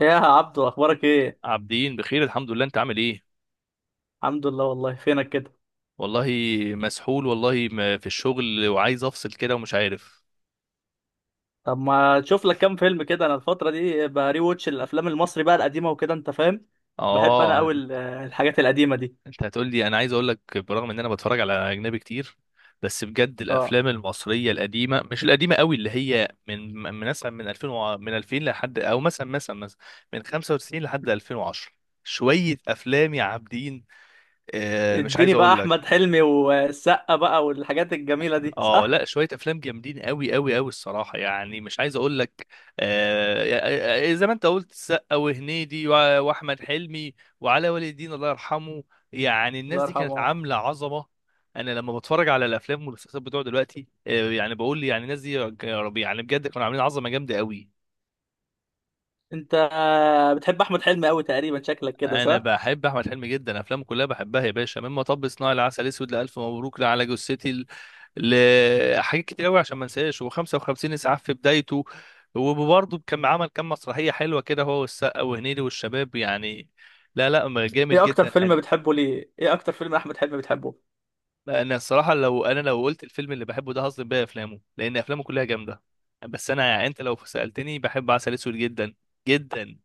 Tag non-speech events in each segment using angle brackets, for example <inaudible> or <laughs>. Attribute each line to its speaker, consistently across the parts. Speaker 1: ايه يا عبدو، اخبارك ايه؟
Speaker 2: عابدين بخير، الحمد لله. انت عامل ايه؟
Speaker 1: الحمد لله. والله فينك كده؟
Speaker 2: والله مسحول، والله ما في الشغل وعايز افصل كده ومش عارف.
Speaker 1: طب ما تشوف لك كام فيلم كده. انا الفتره دي بري ووتش الافلام المصري بقى القديمه وكده، انت فاهم. بحب انا
Speaker 2: اه،
Speaker 1: قوي الحاجات القديمه دي.
Speaker 2: انت هتقول لي، انا عايز اقول لك برغم ان انا بتفرج على اجنبي كتير، بس بجد
Speaker 1: اه.
Speaker 2: الافلام المصريه القديمه، مش القديمه قوي، اللي هي من مثلا من 2000 لحد، او مثلا من 95 لحد 2010، شويه افلام يا عابدين. مش عايز
Speaker 1: اديني بقى
Speaker 2: اقول
Speaker 1: احمد
Speaker 2: لك.
Speaker 1: حلمي والسقا بقى والحاجات الجميله دي،
Speaker 2: اه
Speaker 1: صح؟
Speaker 2: لا، شويه افلام جامدين قوي قوي قوي الصراحه، يعني مش عايز اقول لك. زي ما انت قلت، السقا وهنيدي واحمد حلمي وعلاء ولي الدين الله يرحمه. يعني الناس
Speaker 1: الله
Speaker 2: دي كانت
Speaker 1: يرحمه.
Speaker 2: عامله عظمه. انا لما بتفرج على الافلام والمسلسلات بتوع دلوقتي، يعني بقول، يعني الناس دي يا ربي، يعني بجد كانوا عاملين عظمه جامده قوي.
Speaker 1: انت بتحب احمد حلمي قوي تقريبا، شكلك كده
Speaker 2: انا
Speaker 1: صح؟
Speaker 2: بحب احمد حلمي جدا، افلامه كلها بحبها يا باشا، من مطب صناعي، لعسل اسود، لالف مبروك، لعلى جثتي، لحاجات كتير قوي، عشان ما انساش و55 اسعاف في بدايته. وبرضه كان عمل كام مسرحيه حلوه كده، هو والسقا وهنيدي والشباب يعني. لا لا، ما جامد
Speaker 1: ايه اكتر
Speaker 2: جدا،
Speaker 1: فيلم
Speaker 2: حلو.
Speaker 1: بتحبه ليه؟ ايه اكتر فيلم احمد حلمي بتحبه؟
Speaker 2: انا الصراحه، لو قلت الفيلم اللي بحبه ده هظلم بيها افلامه، لان افلامه كلها جامده. بس انا يعني، انت لو سالتني بحب عسل اسود جدا، جدا.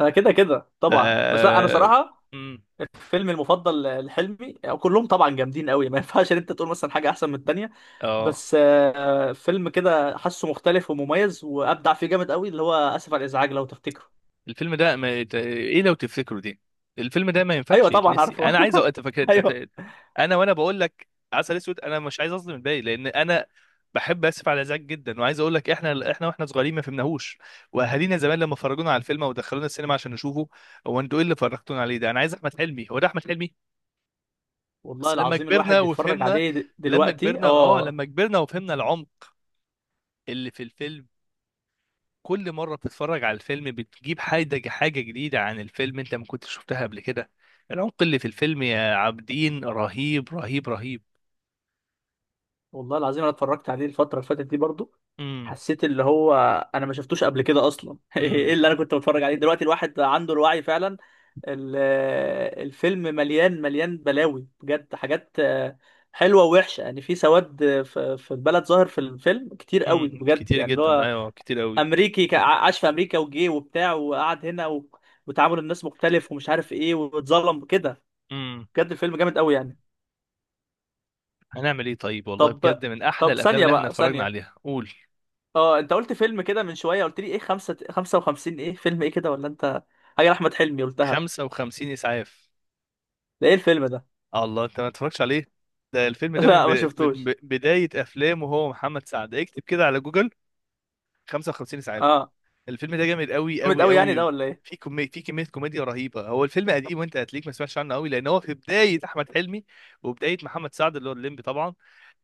Speaker 1: انا كده كده
Speaker 2: ف-
Speaker 1: طبعا. بس لا، انا صراحه
Speaker 2: مم.
Speaker 1: الفيلم المفضل لحلمي، كلهم طبعا جامدين قوي، ما ينفعش ان انت تقول مثلا حاجه احسن من التانيه.
Speaker 2: اه،
Speaker 1: بس فيلم كده حاسه مختلف ومميز وابدع فيه جامد قوي، اللي هو اسف على الازعاج، لو تفتكره.
Speaker 2: الفيلم ده ما يت- ايه، لو تفتكروا دي. الفيلم ده ما ينفعش
Speaker 1: ايوه طبعا
Speaker 2: يتنسي،
Speaker 1: عارفه.
Speaker 2: انا عايز أ- أتفك...
Speaker 1: <laughs> ايوه.
Speaker 2: أتف... انا وانا بقول لك عسل اسود، انا مش عايز اظلم الباقي، لان انا بحب اسف على الازعاج جدا. وعايز اقول لك، احنا واحنا صغيرين ما فهمناهوش، واهالينا زمان لما فرجونا على الفيلم ودخلونا السينما عشان نشوفه. هو انتوا ايه اللي فرجتونا عليه ده؟ انا عايز احمد حلمي، هو ده احمد حلمي.
Speaker 1: والله
Speaker 2: بس لما
Speaker 1: العظيم
Speaker 2: كبرنا
Speaker 1: الواحد بيتفرج
Speaker 2: وفهمنا.
Speaker 1: عليه دلوقتي. اه.
Speaker 2: لما كبرنا وفهمنا العمق اللي في الفيلم. كل مرة بتتفرج على الفيلم بتجيب حاجة جديدة عن الفيلم انت ما كنتش شفتها قبل كده. العمق اللي في الفيلم يا عابدين رهيب رهيب رهيب.
Speaker 1: والله العظيم انا اتفرجت عليه الفتره اللي فاتت دي برضو.
Speaker 2: امم،
Speaker 1: حسيت اللي هو، انا ما شفتوش قبل كده اصلا. <laughs> ايه
Speaker 2: امم،
Speaker 1: اللي انا كنت بتفرج عليه؟ دلوقتي الواحد عنده الوعي فعلا. ال- الفيلم مليان مليان بلاوي بجد، حاجات حلوه ووحشه، يعني في سواد في البلد ظاهر في الفيلم كتير قوي
Speaker 2: امم.
Speaker 1: بجد،
Speaker 2: كتير
Speaker 1: يعني اللي
Speaker 2: جدا،
Speaker 1: هو
Speaker 2: ايوه كتير قوي.
Speaker 1: امريكي، عاش في امريكا وجي وبتاع، وقعد هنا و... وتعامل الناس مختلف، ومش عارف ايه، واتظلم كده.
Speaker 2: امم
Speaker 1: بجد الفيلم جامد قوي يعني.
Speaker 2: هنعمل ايه طيب، والله
Speaker 1: طب
Speaker 2: بجد من احلى
Speaker 1: طب
Speaker 2: الافلام
Speaker 1: ثانيه
Speaker 2: اللي احنا
Speaker 1: بقى
Speaker 2: اتفرجنا
Speaker 1: ثانيه،
Speaker 2: عليها. قول.
Speaker 1: اه، انت قلت فيلم كده من شويه، قلت لي ايه خمسة 55، ايه فيلم ايه كده؟ ولا انت حاجه لاحمد حلمي قلتها؟
Speaker 2: 55 اسعاف.
Speaker 1: ده ايه الفيلم ده؟
Speaker 2: الله، انت ما اتفرجتش عليه؟ ده الفيلم
Speaker 1: <laughs>
Speaker 2: ده من
Speaker 1: لا ما شفتوش.
Speaker 2: بداية افلامه، هو محمد سعد، اكتب كده على جوجل. 55 اسعاف.
Speaker 1: اه.
Speaker 2: الفيلم ده جامد قوي
Speaker 1: جامد
Speaker 2: قوي
Speaker 1: قوي يعني
Speaker 2: قوي.
Speaker 1: ده، ولا ايه؟
Speaker 2: في كمية كوميديا رهيبة. هو الفيلم قديم، وانت هتليك ما سمعتش عنه قوي، لان هو في بداية احمد حلمي وبداية محمد سعد اللي هو الليمبي طبعا.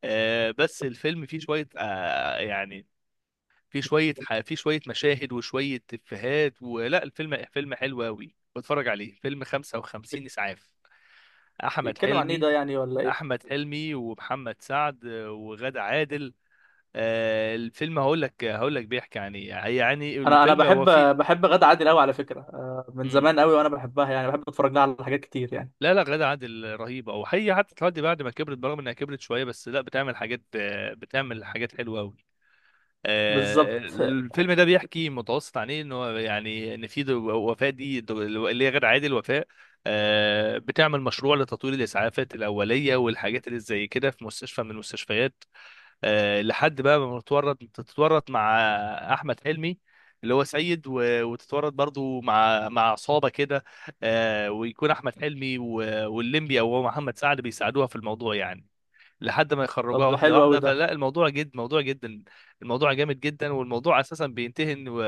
Speaker 2: آه، بس الفيلم فيه شوية، يعني فيه شوية مشاهد وشوية افيهات. ولا الفيلم فيلم حلو قوي، بتفرج عليه، فيلم 55
Speaker 1: بيت-
Speaker 2: اسعاف، احمد
Speaker 1: بيتكلم عن ايه
Speaker 2: حلمي.
Speaker 1: ده، يعني؟ ولا ايه؟
Speaker 2: احمد حلمي ومحمد سعد وغادة عادل. الفيلم، هقول لك. بيحكي عن ايه، يعني
Speaker 1: انا
Speaker 2: الفيلم
Speaker 1: بحب،
Speaker 2: هو فيه.
Speaker 1: بحب غادة عادل قوي، على فكره، من
Speaker 2: مم.
Speaker 1: زمان قوي وانا بحبها، يعني بحب اتفرج لها على حاجات كتير يعني.
Speaker 2: لا لا، غادة عادل رهيبة، او هي حتى لحد بعد ما كبرت، برغم انها كبرت شوية، بس لا بتعمل حاجات، بتعمل حاجات حلوة قوي.
Speaker 1: بالظبط.
Speaker 2: الفيلم ده بيحكي متوسط عن ايه، ان هو يعني ان في وفاء، اللي هي غادة عادل وفاء، بتعمل مشروع لتطوير الاسعافات الاوليه والحاجات اللي زي كده في مستشفى من المستشفيات، لحد بقى ما تتورط مع احمد حلمي، اللي هو سيد، وتتورط برضو مع عصابه كده. ويكون احمد حلمي واللمبي، او هو محمد سعد، بيساعدوها في الموضوع يعني، لحد ما يخرجوها
Speaker 1: طب ده
Speaker 2: واحده
Speaker 1: حلو قوي
Speaker 2: واحده.
Speaker 1: ده.
Speaker 2: فلا، الموضوع جد، موضوع جدا. الموضوع جامد جدا، والموضوع اساسا بينتهي ان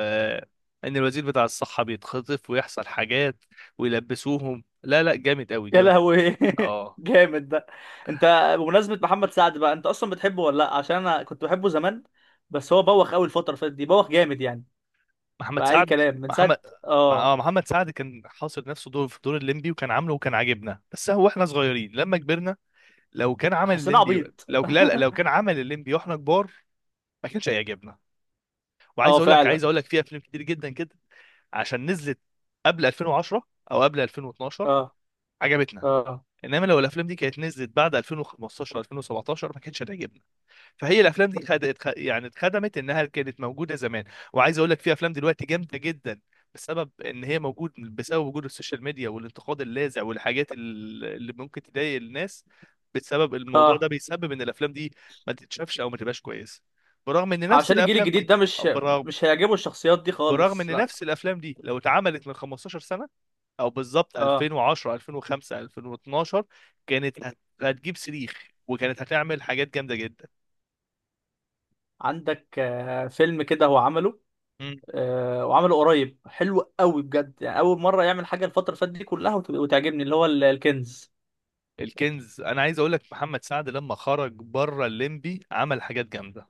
Speaker 2: ان الوزير بتاع الصحه بيتخطف، ويحصل حاجات، ويلبسوهم. لا لا، جامد قوي،
Speaker 1: يا
Speaker 2: جامد قوي.
Speaker 1: لهوي. <laughs>
Speaker 2: اه.
Speaker 1: جامد ده. انت، بمناسبه محمد سعد بقى، انت اصلا بتحبه ولا لا؟ عشان انا كنت بحبه زمان، بس هو بوخ قوي الفتره اللي فاتت دي، بوخ جامد يعني،
Speaker 2: محمد
Speaker 1: بأي
Speaker 2: سعد.
Speaker 1: كلام من
Speaker 2: محمد.
Speaker 1: ساعة.
Speaker 2: مع
Speaker 1: اه.
Speaker 2: محمد سعد كان حاصر نفسه دور الليمبي، وكان عامله، وكان عاجبنا، بس هو احنا صغيرين لما كبرنا. لو كان عمل
Speaker 1: حسينا
Speaker 2: الليمبي.
Speaker 1: عبيط. <laughs>
Speaker 2: لا لا، لو كان عمل الليمبي واحنا كبار ما كانش هيعجبنا.
Speaker 1: اه
Speaker 2: وعايز اقول لك عايز
Speaker 1: فعلا.
Speaker 2: اقول لك في افلام كتير جدا كده، عشان نزلت قبل 2010، او قبل 2012،
Speaker 1: اه،
Speaker 2: عجبتنا.
Speaker 1: اه،
Speaker 2: انما لو الافلام دي كانت نزلت بعد 2015، 2017، ما كانتش هتعجبنا. فهي الافلام دي يعني اتخدمت انها كانت موجوده زمان. وعايز اقول لك في افلام دلوقتي جامده جدا، بسبب ان هي موجود بسبب وجود السوشيال ميديا والانتقاد اللاذع والحاجات اللي ممكن تضايق الناس. بسبب الموضوع ده
Speaker 1: اه.
Speaker 2: بيسبب ان الافلام دي ما تتشافش، او ما تبقاش كويسه. برغم ان نفس
Speaker 1: عشان الجيل
Speaker 2: الافلام
Speaker 1: الجديد
Speaker 2: دي،
Speaker 1: ده مش
Speaker 2: برغم
Speaker 1: مش هيعجبه الشخصيات دي
Speaker 2: برغم ان
Speaker 1: خالص، لا.
Speaker 2: نفس الافلام دي لو اتعملت من 15 سنه، او بالظبط
Speaker 1: اه.
Speaker 2: 2010، 2005، 2012، هتجيب صريخ، وكانت هتعمل حاجات جامده جدا.
Speaker 1: عندك فيلم كده هو عمله، وعمله قريب، حلو قوي بجد يعني. أول مرة يعمل حاجة الفترة اللي فاتت دي كلها وتعجبني، اللي هو الكنز.
Speaker 2: الكنز، انا عايز اقول لك، محمد سعد لما خرج بره الليمبي عمل حاجات جامده.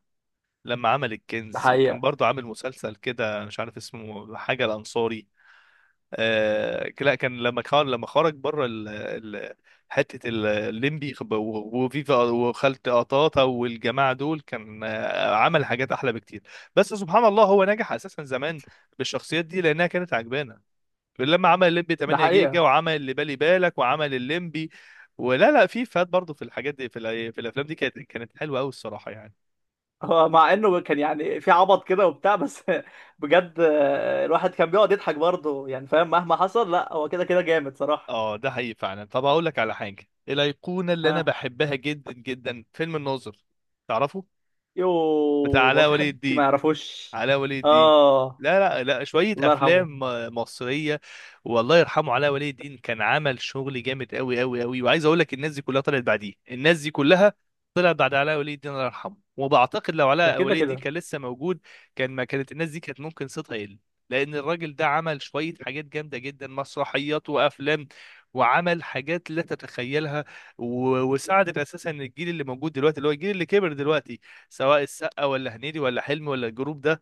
Speaker 2: لما عمل
Speaker 1: ده
Speaker 2: الكنز وكان
Speaker 1: حقيقة.
Speaker 2: برضو عامل مسلسل كده مش عارف اسمه، حاجه الانصاري. لا، كان لما خرج بره ال... حته الليمبي، وفيفا، وخالة قطاطا، والجماعه دول، كان عمل حاجات احلى بكتير. بس سبحان الله هو نجح اساسا زمان بالشخصيات دي، لانها كانت عجبانه. لما عمل الليمبي
Speaker 1: ده
Speaker 2: 8 جيجا،
Speaker 1: حقيقة.
Speaker 2: وعمل اللي بالي بالك، وعمل الليمبي، ولا لا، في فات برضه في الحاجات دي، في في الافلام دي كانت حلوه قوي الصراحه يعني.
Speaker 1: <laughs> هو مع انه كان يعني في عبط كده وبتاع، بس. <laughs> بجد الواحد كان بيقعد يضحك برضه يعني، فاهم؟ مهما حصل، لا هو كده كده جامد صراحة.
Speaker 2: اه، ده حقيقي فعلا. طب هقول لك على حاجه الايقونه اللي انا
Speaker 1: ها.
Speaker 2: بحبها جدا جدا، فيلم الناظر. تعرفه؟ بتاع
Speaker 1: يوه، ما
Speaker 2: علاء
Speaker 1: في
Speaker 2: ولي
Speaker 1: حد ما
Speaker 2: الدين.
Speaker 1: يعرفوش.
Speaker 2: علاء ولي الدين.
Speaker 1: اه.
Speaker 2: لا لا لا، شوية
Speaker 1: الله يرحمه.
Speaker 2: أفلام مصرية. والله يرحمه علاء ولي الدين، كان عمل شغل جامد أوي أوي أوي. وعايز أقول لك، الناس دي كلها طلعت بعديه، الناس دي كلها طلعت بعد علاء ولي الدين الله يرحمه. وبعتقد لو
Speaker 1: ده
Speaker 2: علاء
Speaker 1: كده
Speaker 2: ولي الدين
Speaker 1: كده.
Speaker 2: كان لسه موجود، ما كانت الناس دي كانت ممكن صيتها يقل، لأن الراجل ده عمل شوية حاجات جامدة جدا، مسرحيات وأفلام، وعمل حاجات لا تتخيلها، وساعدت اساسا الجيل اللي موجود دلوقتي، اللي هو الجيل اللي كبر دلوقتي، سواء السقا، ولا هنيدي، ولا حلمي، ولا الجروب ده،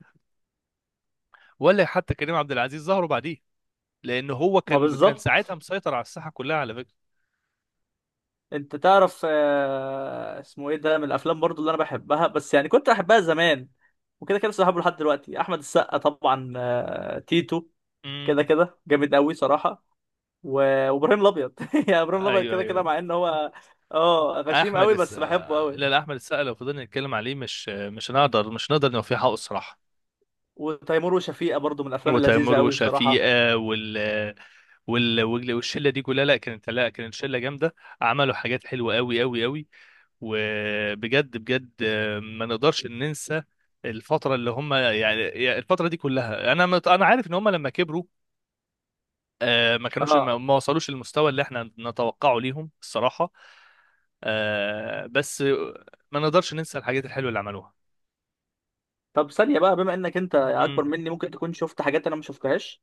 Speaker 2: ولا حتى كريم عبد العزيز، ظهروا بعديه، لان هو
Speaker 1: ما
Speaker 2: كان ساعتها
Speaker 1: بالظبط.
Speaker 2: مسيطر على الساحه كلها على فكره.
Speaker 1: انت تعرف اسمه ايه ده، من الافلام برضو اللي انا بحبها، بس يعني كنت بحبها زمان وكده كده لسه بحبه لحد دلوقتي. احمد السقا طبعا، تيتو كده
Speaker 2: امم.
Speaker 1: كده جامد قوي صراحه، وابراهيم الابيض. <laughs> يعني ابراهيم الابيض
Speaker 2: ايوه
Speaker 1: كده كده
Speaker 2: ايوه.
Speaker 1: مع ان هو اه غشيم
Speaker 2: احمد
Speaker 1: قوي،
Speaker 2: الس...
Speaker 1: بس بحبه
Speaker 2: آه،
Speaker 1: قوي.
Speaker 2: لا لا، احمد السقا لو فضلنا نتكلم عليه مش هنقدر نوفيه حقه الصراحه.
Speaker 1: وتيمور وشفيقة برضو من الافلام اللذيذه
Speaker 2: وتامر
Speaker 1: قوي بصراحه.
Speaker 2: وشفيقه، والشله دي كلها، لا كانت، لا كانت شله جامده، عملوا حاجات حلوه قوي قوي قوي. وبجد بجد، ما نقدرش ننسى الفتره اللي هم يعني، الفتره دي كلها. انا انا عارف ان هم لما كبروا، ما كانوش،
Speaker 1: اه.
Speaker 2: ما وصلوش للمستوى اللي احنا نتوقعه ليهم الصراحة. بس ما نقدرش ننسى الحاجات الحلوة اللي عملوها.
Speaker 1: طب ثانية بقى، بما انك انت اكبر
Speaker 2: امم.
Speaker 1: مني، ممكن تكون شفت حاجات انا ما شفتهاش.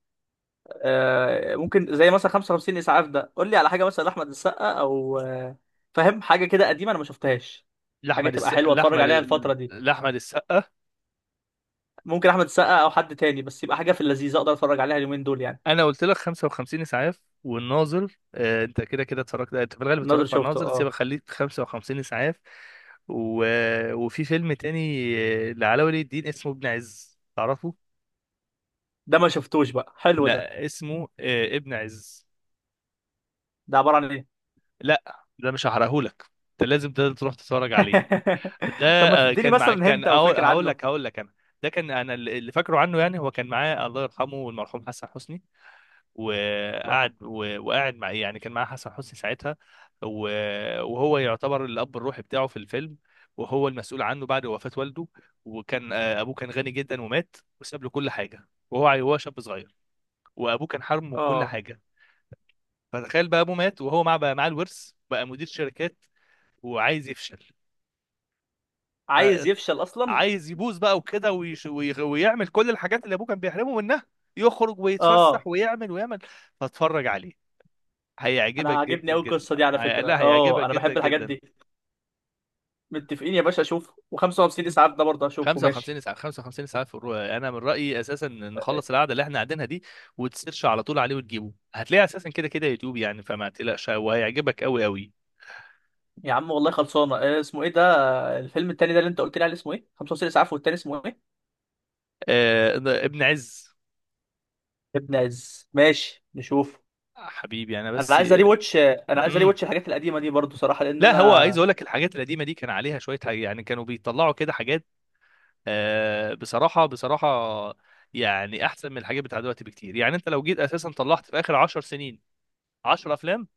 Speaker 1: ممكن زي مثلا 55 اسعاف ده، قول لي على حاجة، مثلا احمد السقا او فاهم، حاجة كده قديمة انا ما شفتهاش، حاجة
Speaker 2: لأحمد
Speaker 1: تبقى
Speaker 2: الس...
Speaker 1: حلوة اتفرج
Speaker 2: لأحمد
Speaker 1: عليها الفترة دي.
Speaker 2: لأحمد السقا،
Speaker 1: ممكن احمد السقا او حد تاني، بس يبقى حاجة في اللذيذ اقدر اتفرج عليها اليومين دول يعني.
Speaker 2: أنا قلت لك 55 إسعاف والناظر. أنت كده كده اتفرجت، أنت في الغالب
Speaker 1: الناظر
Speaker 2: اتفرجت على
Speaker 1: شفته،
Speaker 2: الناظر، سيبك
Speaker 1: اه.
Speaker 2: خليك 55 إسعاف. و... وفي فيلم تاني، لعلاء ولي الدين، اسمه ابن عز. تعرفه؟
Speaker 1: ده ما شفتوش بقى، حلو ده؟
Speaker 2: لا، اسمه ابن عز.
Speaker 1: ده عبارة عن ايه؟
Speaker 2: لا، ده مش هحرقهولك، انت لازم تروح تتفرج عليه. ده
Speaker 1: <laughs> طب ما تديني
Speaker 2: كان مع
Speaker 1: مثلا هنت او فكرة
Speaker 2: هقول
Speaker 1: عنه.
Speaker 2: لك هقول لك انا. ده كان انا اللي فاكره عنه، يعني هو كان معاه الله يرحمه المرحوم حسن حسني،
Speaker 1: الله يرحمه.
Speaker 2: وقعد مع إيه؟ يعني كان معاه حسن حسني ساعتها، و- وهو يعتبر الاب الروحي بتاعه في الفيلم، وهو المسؤول عنه بعد وفاة والده. وكان، ابوه كان غني جدا، ومات وساب له كل حاجه، وهو وهو شاب صغير، وابوه كان حرمه كل
Speaker 1: اه.
Speaker 2: حاجه. فتخيل بقى ابوه مات، وهو بقى معاه الورث، بقى مدير شركات وعايز يفشل.
Speaker 1: عايز يفشل اصلا.
Speaker 2: فعايز يبوظ بقى وكده، ويعمل كل الحاجات اللي ابوه كان بيحرمه منها، يخرج ويتفسح
Speaker 1: اه.
Speaker 2: ويعمل ويعمل. فاتفرج عليه،
Speaker 1: انا
Speaker 2: هيعجبك
Speaker 1: عاجبني
Speaker 2: جدا
Speaker 1: قوي
Speaker 2: جدا.
Speaker 1: القصه دي على فكره،
Speaker 2: لا،
Speaker 1: اه
Speaker 2: هيعجبك
Speaker 1: انا
Speaker 2: جدا
Speaker 1: بحب الحاجات
Speaker 2: جدا.
Speaker 1: دي. متفقين يا باشا، اشوفه، و55 اسعاف ده برضه اشوفه. ماشي
Speaker 2: 55 ساعة، 55 ساعة في الرؤية. أنا من رأيي أساسا نخلص القعدة اللي إحنا قاعدينها دي، وتسيرش على طول عليه وتجيبه، هتلاقيه أساسا كده كده يوتيوب يعني، فما تقلقش، وهيعجبك أوي أوي.
Speaker 1: يا عم، والله خلصانه. اسمه ايه ده، الفيلم التاني ده اللي انت قلت لي عليه، اسمه ايه؟ 55 اسعاف، والتاني اسمه ايه؟
Speaker 2: آه... ابن عز.
Speaker 1: يا ابن عز، ماشي نشوف.
Speaker 2: حبيبي أنا.
Speaker 1: انا
Speaker 2: بس
Speaker 1: عايز اري واتش انا عايز اري واتش الحاجات القديمه دي برضه صراحه لان
Speaker 2: لا، هو عايز
Speaker 1: انا.
Speaker 2: اقول لك الحاجات القديمه دي كان عليها شويه حاجة، يعني كانوا بيطلعوا كده حاجات، بصراحه بصراحه، يعني احسن من الحاجات بتاع دلوقتي بكتير. يعني انت لو جيت اساسا طلعت في اخر 10 سنين 10 افلام،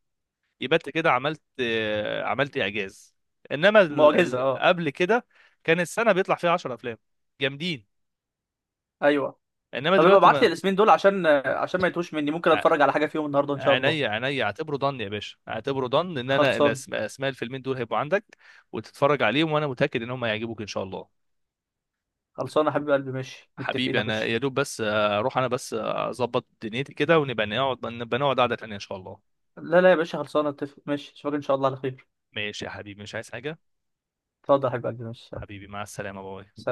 Speaker 2: يبقى انت كده عملت اعجاز. انما
Speaker 1: معجزه. اه.
Speaker 2: قبل كده كان السنه بيطلع فيها 10 افلام جامدين،
Speaker 1: ايوه.
Speaker 2: انما
Speaker 1: طب يبقى
Speaker 2: دلوقتي
Speaker 1: ابعت لي
Speaker 2: ما.
Speaker 1: الاسمين دول، عشان عشان ما يتوش مني، ممكن
Speaker 2: ع-
Speaker 1: اتفرج على حاجه فيهم النهارده ان شاء الله.
Speaker 2: عينيا عينيا، اعتبره ضن يا باشا، اعتبره ضن ان انا
Speaker 1: خلصان.
Speaker 2: اسماء الفيلمين دول هيبقوا عندك وتتفرج عليهم، وانا متاكد ان هم هيعجبوك ان شاء الله.
Speaker 1: خلصانه يا حبيب قلبي. ماشي، متفقين
Speaker 2: حبيبي
Speaker 1: يا
Speaker 2: انا
Speaker 1: باشا.
Speaker 2: يا دوب بس، اروح انا بس، اظبط دنيتي كده، ونبقى نقعد، نبقى نقعد قعدة تانية ان شاء الله.
Speaker 1: لا لا يا باشا، خلصانه اتفق. ماشي، اشوفك ان شاء الله على خير.
Speaker 2: ماشي يا حبيبي، مش عايز حاجة.
Speaker 1: اتفضل يا حبيب قلبي، مش شرط.
Speaker 2: حبيبي مع السلامة، باي.